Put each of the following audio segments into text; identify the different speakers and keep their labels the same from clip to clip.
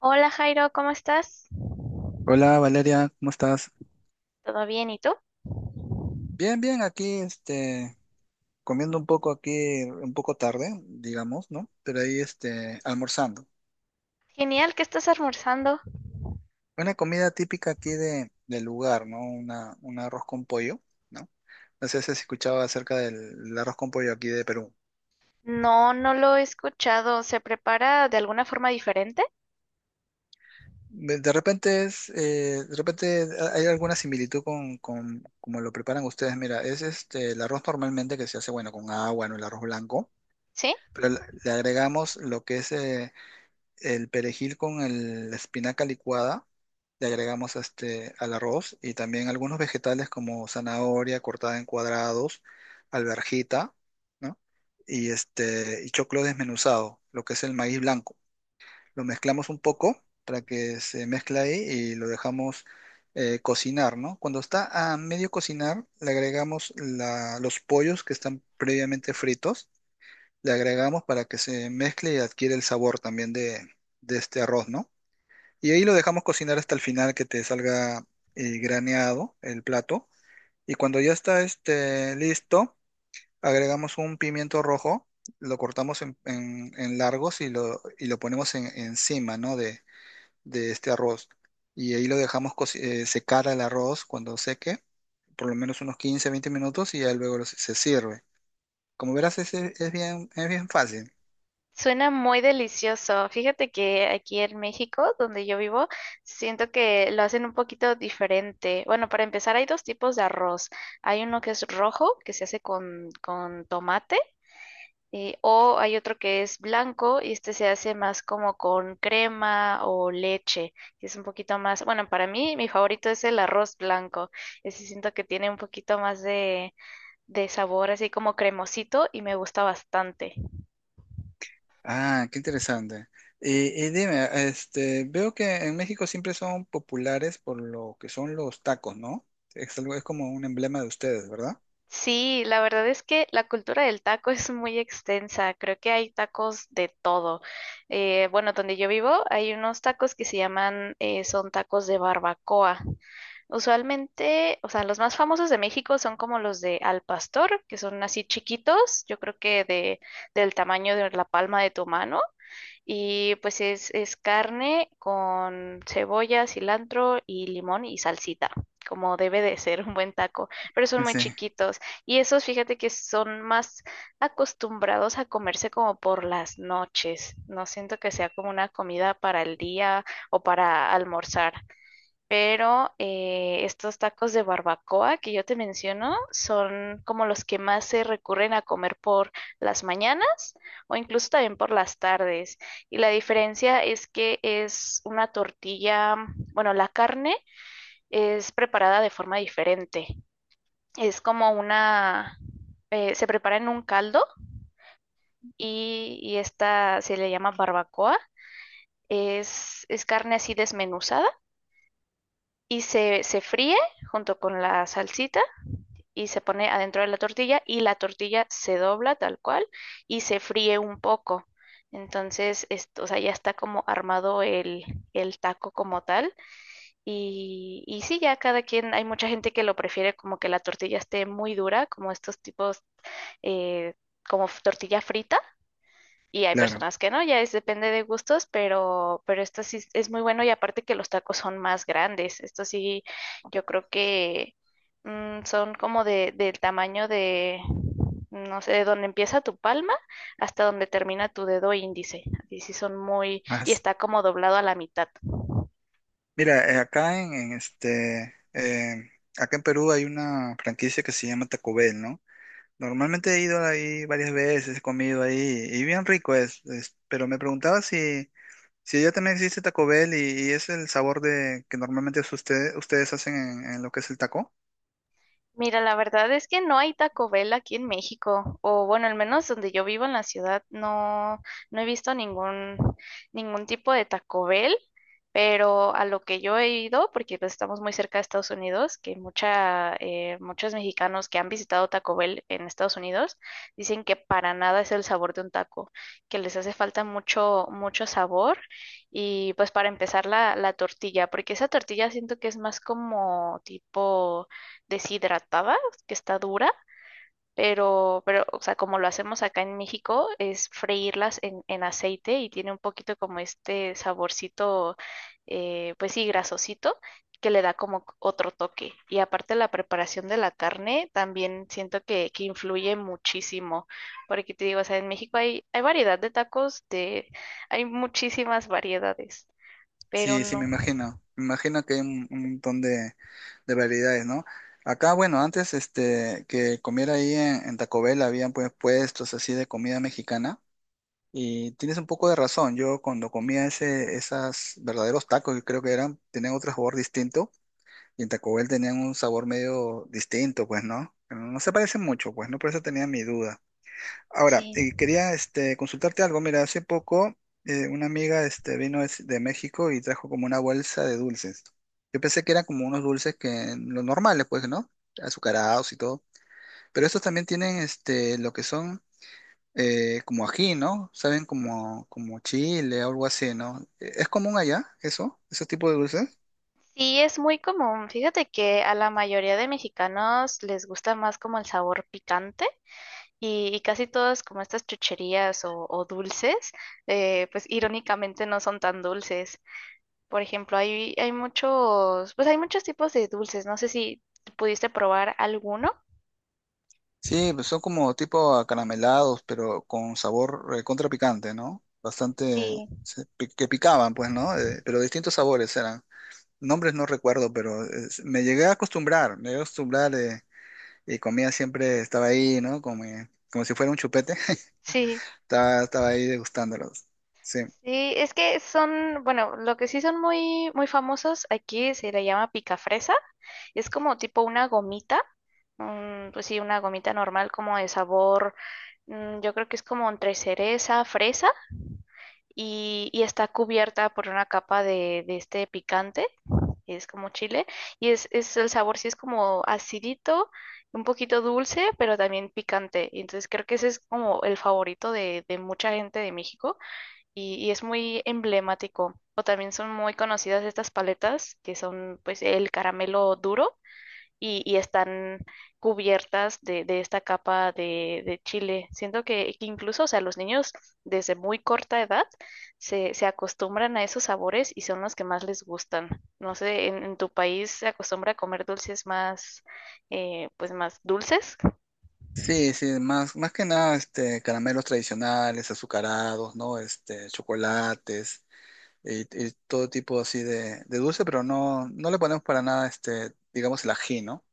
Speaker 1: Hola Jairo, ¿cómo estás?
Speaker 2: Hola Valeria, ¿cómo estás?
Speaker 1: ¿Todo bien? ¿Y tú?
Speaker 2: Bien, bien, aquí comiendo un poco aquí, un poco tarde, digamos, ¿no? Pero ahí almorzando.
Speaker 1: Genial, ¿qué estás almorzando?
Speaker 2: Una comida típica aquí de, del lugar, ¿no? Una, un arroz con pollo, ¿no? No sé si has escuchado acerca del arroz con pollo aquí de Perú.
Speaker 1: No, no lo he escuchado. ¿Se prepara de alguna forma diferente?
Speaker 2: De repente es, de repente hay alguna similitud con como lo preparan ustedes. Mira, es el arroz normalmente que se hace, bueno, con agua, ¿no? El arroz blanco,
Speaker 1: ¿Sí?
Speaker 2: pero le agregamos lo que es, el perejil con el, la espinaca licuada, le agregamos al arroz y también algunos vegetales como zanahoria cortada en cuadrados, alverjita, ¿no? Y, y choclo desmenuzado, lo que es el maíz blanco. Lo mezclamos un poco para que se mezcle ahí y lo dejamos cocinar, ¿no? Cuando está a medio cocinar, le agregamos los pollos que están previamente fritos, le agregamos para que se mezcle y adquiere el sabor también de este arroz, ¿no? Y ahí lo dejamos cocinar hasta el final que te salga graneado el plato. Y cuando ya está listo, agregamos un pimiento rojo, lo cortamos en, en largos y lo ponemos encima, ¿no? De este arroz. Y ahí lo dejamos secar el arroz. Cuando seque, por lo menos unos 15, 20 minutos y ya luego, se sirve. Como verás, es bien fácil.
Speaker 1: Suena muy delicioso. Fíjate que aquí en México, donde yo vivo, siento que lo hacen un poquito diferente. Bueno, para empezar, hay dos tipos de arroz. Hay uno que es rojo, que se hace con tomate. O hay otro que es blanco y este se hace más como con crema o leche, que es un poquito más, bueno, para mí mi favorito es el arroz blanco, ese siento que tiene un poquito más de sabor así como cremosito y me gusta bastante.
Speaker 2: Ah, qué interesante. Y dime, veo que en México siempre son populares por lo que son los tacos, ¿no? Es algo, es como un emblema de ustedes, ¿verdad?
Speaker 1: Sí, la verdad es que la cultura del taco es muy extensa, creo que hay tacos de todo. Bueno, donde yo vivo hay unos tacos que se llaman, son tacos de barbacoa. Usualmente, o sea, los más famosos de México son como los de al pastor, que son así chiquitos, yo creo que del tamaño de la palma de tu mano. Y pues es carne con cebolla, cilantro y limón y salsita, como debe de ser un buen taco, pero son muy
Speaker 2: Sí,
Speaker 1: chiquitos. Y esos, fíjate que son más acostumbrados a comerse como por las noches. No siento que sea como una comida para el día o para almorzar. Pero estos tacos de barbacoa que yo te menciono son como los que más se recurren a comer por las mañanas o incluso también por las tardes. Y la diferencia es que es una tortilla, bueno, la carne es preparada de forma diferente. Es como una, se prepara en un caldo y esta se le llama barbacoa. Es carne así desmenuzada y se fríe junto con la salsita y se pone adentro de la tortilla y la tortilla se dobla tal cual y se fríe un poco. Entonces, esto, o sea, ya está como armado el taco como tal. Y sí, ya cada quien, hay mucha gente que lo prefiere como que la tortilla esté muy dura, como estos tipos, eh, como tortilla frita y hay
Speaker 2: claro.
Speaker 1: personas que no, ya es depende de gustos, pero esto sí muy bueno y aparte que los tacos son más grandes. Esto sí, yo creo que son como de, del tamaño de, no sé, de donde empieza tu palma hasta donde termina tu dedo índice. Y sí son muy, y
Speaker 2: Más.
Speaker 1: está como doblado a la mitad.
Speaker 2: Mira, acá en acá en Perú hay una franquicia que se llama Taco Bell, ¿no? Normalmente he ido ahí varias veces, he comido ahí y bien rico es, pero me preguntaba si, si allá también existe Taco Bell y es el sabor de que normalmente es ustedes hacen en lo que es el taco.
Speaker 1: Mira, la verdad es que no hay Taco Bell aquí en México, o bueno, al menos donde yo vivo en la ciudad, no, no he visto ningún, ningún tipo de Taco Bell, pero a lo que yo he ido, porque pues, estamos muy cerca de Estados Unidos, que mucha, muchos mexicanos que han visitado Taco Bell en Estados Unidos dicen que para nada es el sabor de un taco, que les hace falta mucho, mucho sabor. Y pues para empezar la tortilla, porque esa tortilla siento que es más como tipo deshidratada, que está dura, pero, o sea, como lo hacemos acá en México, es freírlas en aceite y tiene un poquito como este saborcito, pues sí, grasosito, que le da como otro toque. Y aparte la preparación de la carne también siento que influye muchísimo, porque te digo, o sea, en México hay, hay variedad de tacos, de, hay muchísimas variedades, pero
Speaker 2: Sí, sí, me
Speaker 1: no.
Speaker 2: imagino. Me imagino que hay un montón de variedades, ¿no? Acá, bueno, antes que comiera ahí en Taco Bell habían pues puestos así de comida mexicana. Y tienes un poco de razón. Yo cuando comía ese, esas verdaderos tacos, que creo que eran, tenían otro sabor distinto. Y en Taco Bell tenían un sabor medio distinto, pues, ¿no? No se parecen mucho, pues, ¿no? Por eso tenía mi duda. Ahora,
Speaker 1: Sí.
Speaker 2: quería consultarte algo. Mira, hace poco una amiga de México y trajo como una bolsa de dulces. Yo pensé que eran como unos dulces que los normales, pues, ¿no? Azucarados y todo. Pero estos también tienen lo que son como ají, ¿no? Saben como, como chile o algo así, ¿no? ¿Es común allá eso? ¿Esos tipos de dulces?
Speaker 1: Sí, es muy común. Fíjate que a la mayoría de mexicanos les gusta más como el sabor picante y casi todas como estas chucherías o dulces, pues irónicamente no son tan dulces. Por ejemplo, hay muchos, pues hay muchos tipos de dulces. No sé si pudiste probar alguno.
Speaker 2: Sí, pues son como tipo acaramelados, pero con sabor contra picante, ¿no? Bastante
Speaker 1: Sí,
Speaker 2: que picaban, pues, ¿no? Pero distintos sabores eran. Nombres no recuerdo, pero me llegué a acostumbrar, me llegué a acostumbrar y comía siempre, estaba ahí, ¿no? Como, como si fuera un chupete,
Speaker 1: sí.
Speaker 2: estaba, estaba ahí degustándolos. Sí.
Speaker 1: Sí, es que son, bueno, lo que sí son muy, muy famosos aquí se le llama pica fresa. Es como tipo una gomita. Pues sí, una gomita normal como de sabor, yo creo que es como entre cereza, fresa y está cubierta por una capa de este picante, es como chile y es el sabor sí es como acidito, un poquito dulce, pero también picante. Y entonces creo que ese es como el favorito de mucha gente de México y es muy emblemático. O también son muy conocidas estas paletas que son pues el caramelo duro y están cubiertas de esta capa de chile. Siento que incluso, o sea, los niños desde muy corta edad se, se acostumbran a esos sabores y son los que más les gustan. No sé, en tu país se acostumbra a comer dulces más, pues más dulces?
Speaker 2: Sí, sí, más, más que nada, caramelos tradicionales, azucarados, ¿no? Este, chocolates. Y, y todo tipo así de dulce, pero no, no le ponemos para nada, digamos, el ají, ¿no?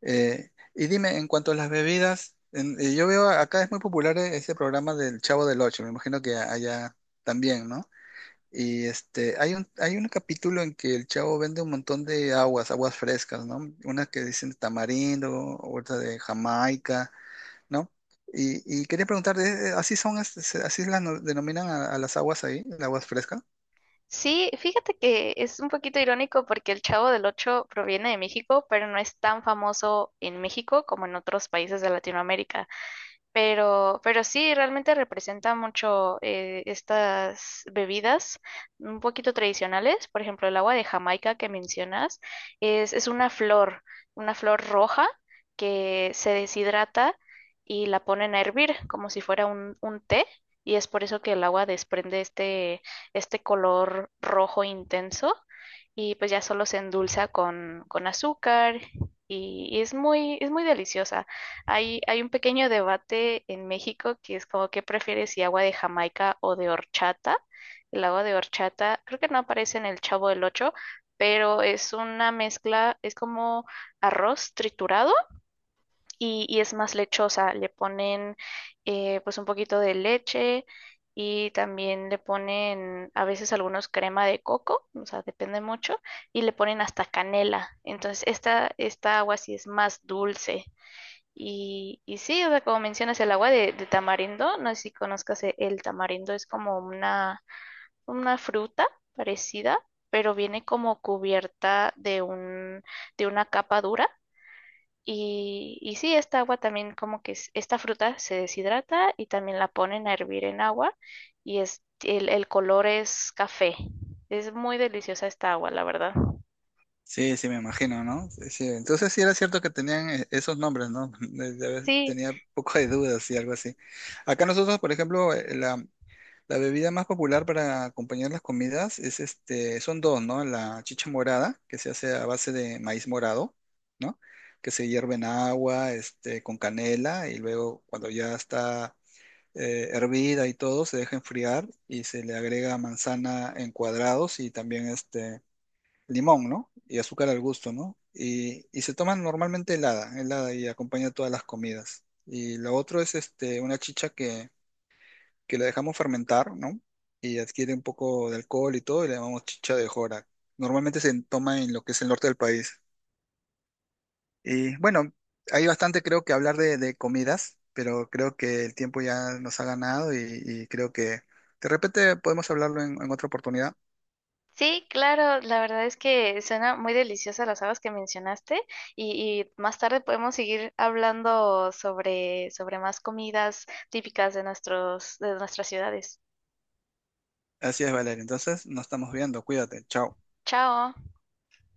Speaker 2: Y dime, en cuanto a las bebidas, yo veo acá es muy popular ese programa del Chavo del Ocho, me imagino que allá también, ¿no? Y hay un capítulo en que el chavo vende un montón de aguas, aguas frescas, ¿no? Unas que dicen tamarindo, otra de Jamaica, ¿no? Y quería preguntarte, ¿así son, así las no- denominan a las aguas ahí, las aguas frescas?
Speaker 1: Sí, fíjate que es un poquito irónico porque el Chavo del Ocho proviene de México, pero no es tan famoso en México como en otros países de Latinoamérica. Pero sí, realmente representa mucho estas bebidas un poquito tradicionales. Por ejemplo, el agua de Jamaica que mencionas es una flor roja que se deshidrata y la ponen a hervir como si fuera un té. Y es por eso que el agua desprende este color rojo intenso y pues ya solo se endulza con azúcar y es muy deliciosa. Hay un pequeño debate en México que es como qué prefieres si agua de Jamaica o de horchata. El agua de horchata creo que no aparece en el Chavo del Ocho, pero es una mezcla, es como arroz triturado y es más lechosa. Le ponen pues un poquito de leche y también le ponen a veces algunos crema de coco, o sea, depende mucho, y le ponen hasta canela. Entonces esta agua sí es más dulce. Y sí, o sea, como mencionas el agua de tamarindo, no sé si conozcas el tamarindo, es como una fruta parecida, pero viene como cubierta de un, de una capa dura. Y sí, esta agua también como que esta fruta se deshidrata y también la ponen a hervir en agua y es, el color es café. Es muy deliciosa esta agua, la verdad.
Speaker 2: Sí, sí, me imagino, ¿no? Sí, sí. Entonces sí era cierto que tenían esos nombres, ¿no?
Speaker 1: Sí.
Speaker 2: Tenía poco de dudas y algo así. Acá nosotros, por ejemplo, la, la bebida más popular para acompañar las comidas es son dos, ¿no? La chicha morada, que se hace a base de maíz morado, ¿no? Que se hierve en agua, con canela, y luego cuando ya está hervida y todo, se deja enfriar y se le agrega manzana en cuadrados y también limón, ¿no? Y azúcar al gusto, ¿no? Y se toman normalmente helada, helada y acompaña todas las comidas. Y lo otro es una chicha que la dejamos fermentar, ¿no? Y adquiere un poco de alcohol y todo, y le llamamos chicha de jora. Normalmente se toma en lo que es el norte del país. Y bueno, hay bastante creo que hablar de comidas, pero creo que el tiempo ya nos ha ganado y creo que de repente podemos hablarlo en otra oportunidad.
Speaker 1: Sí, claro, la verdad es que suena muy deliciosa las habas que mencionaste y más tarde podemos seguir hablando sobre, sobre más comidas típicas de nuestros, de nuestras ciudades.
Speaker 2: Así es, Valeria. Entonces, nos estamos viendo. Cuídate. Chao.
Speaker 1: Chao.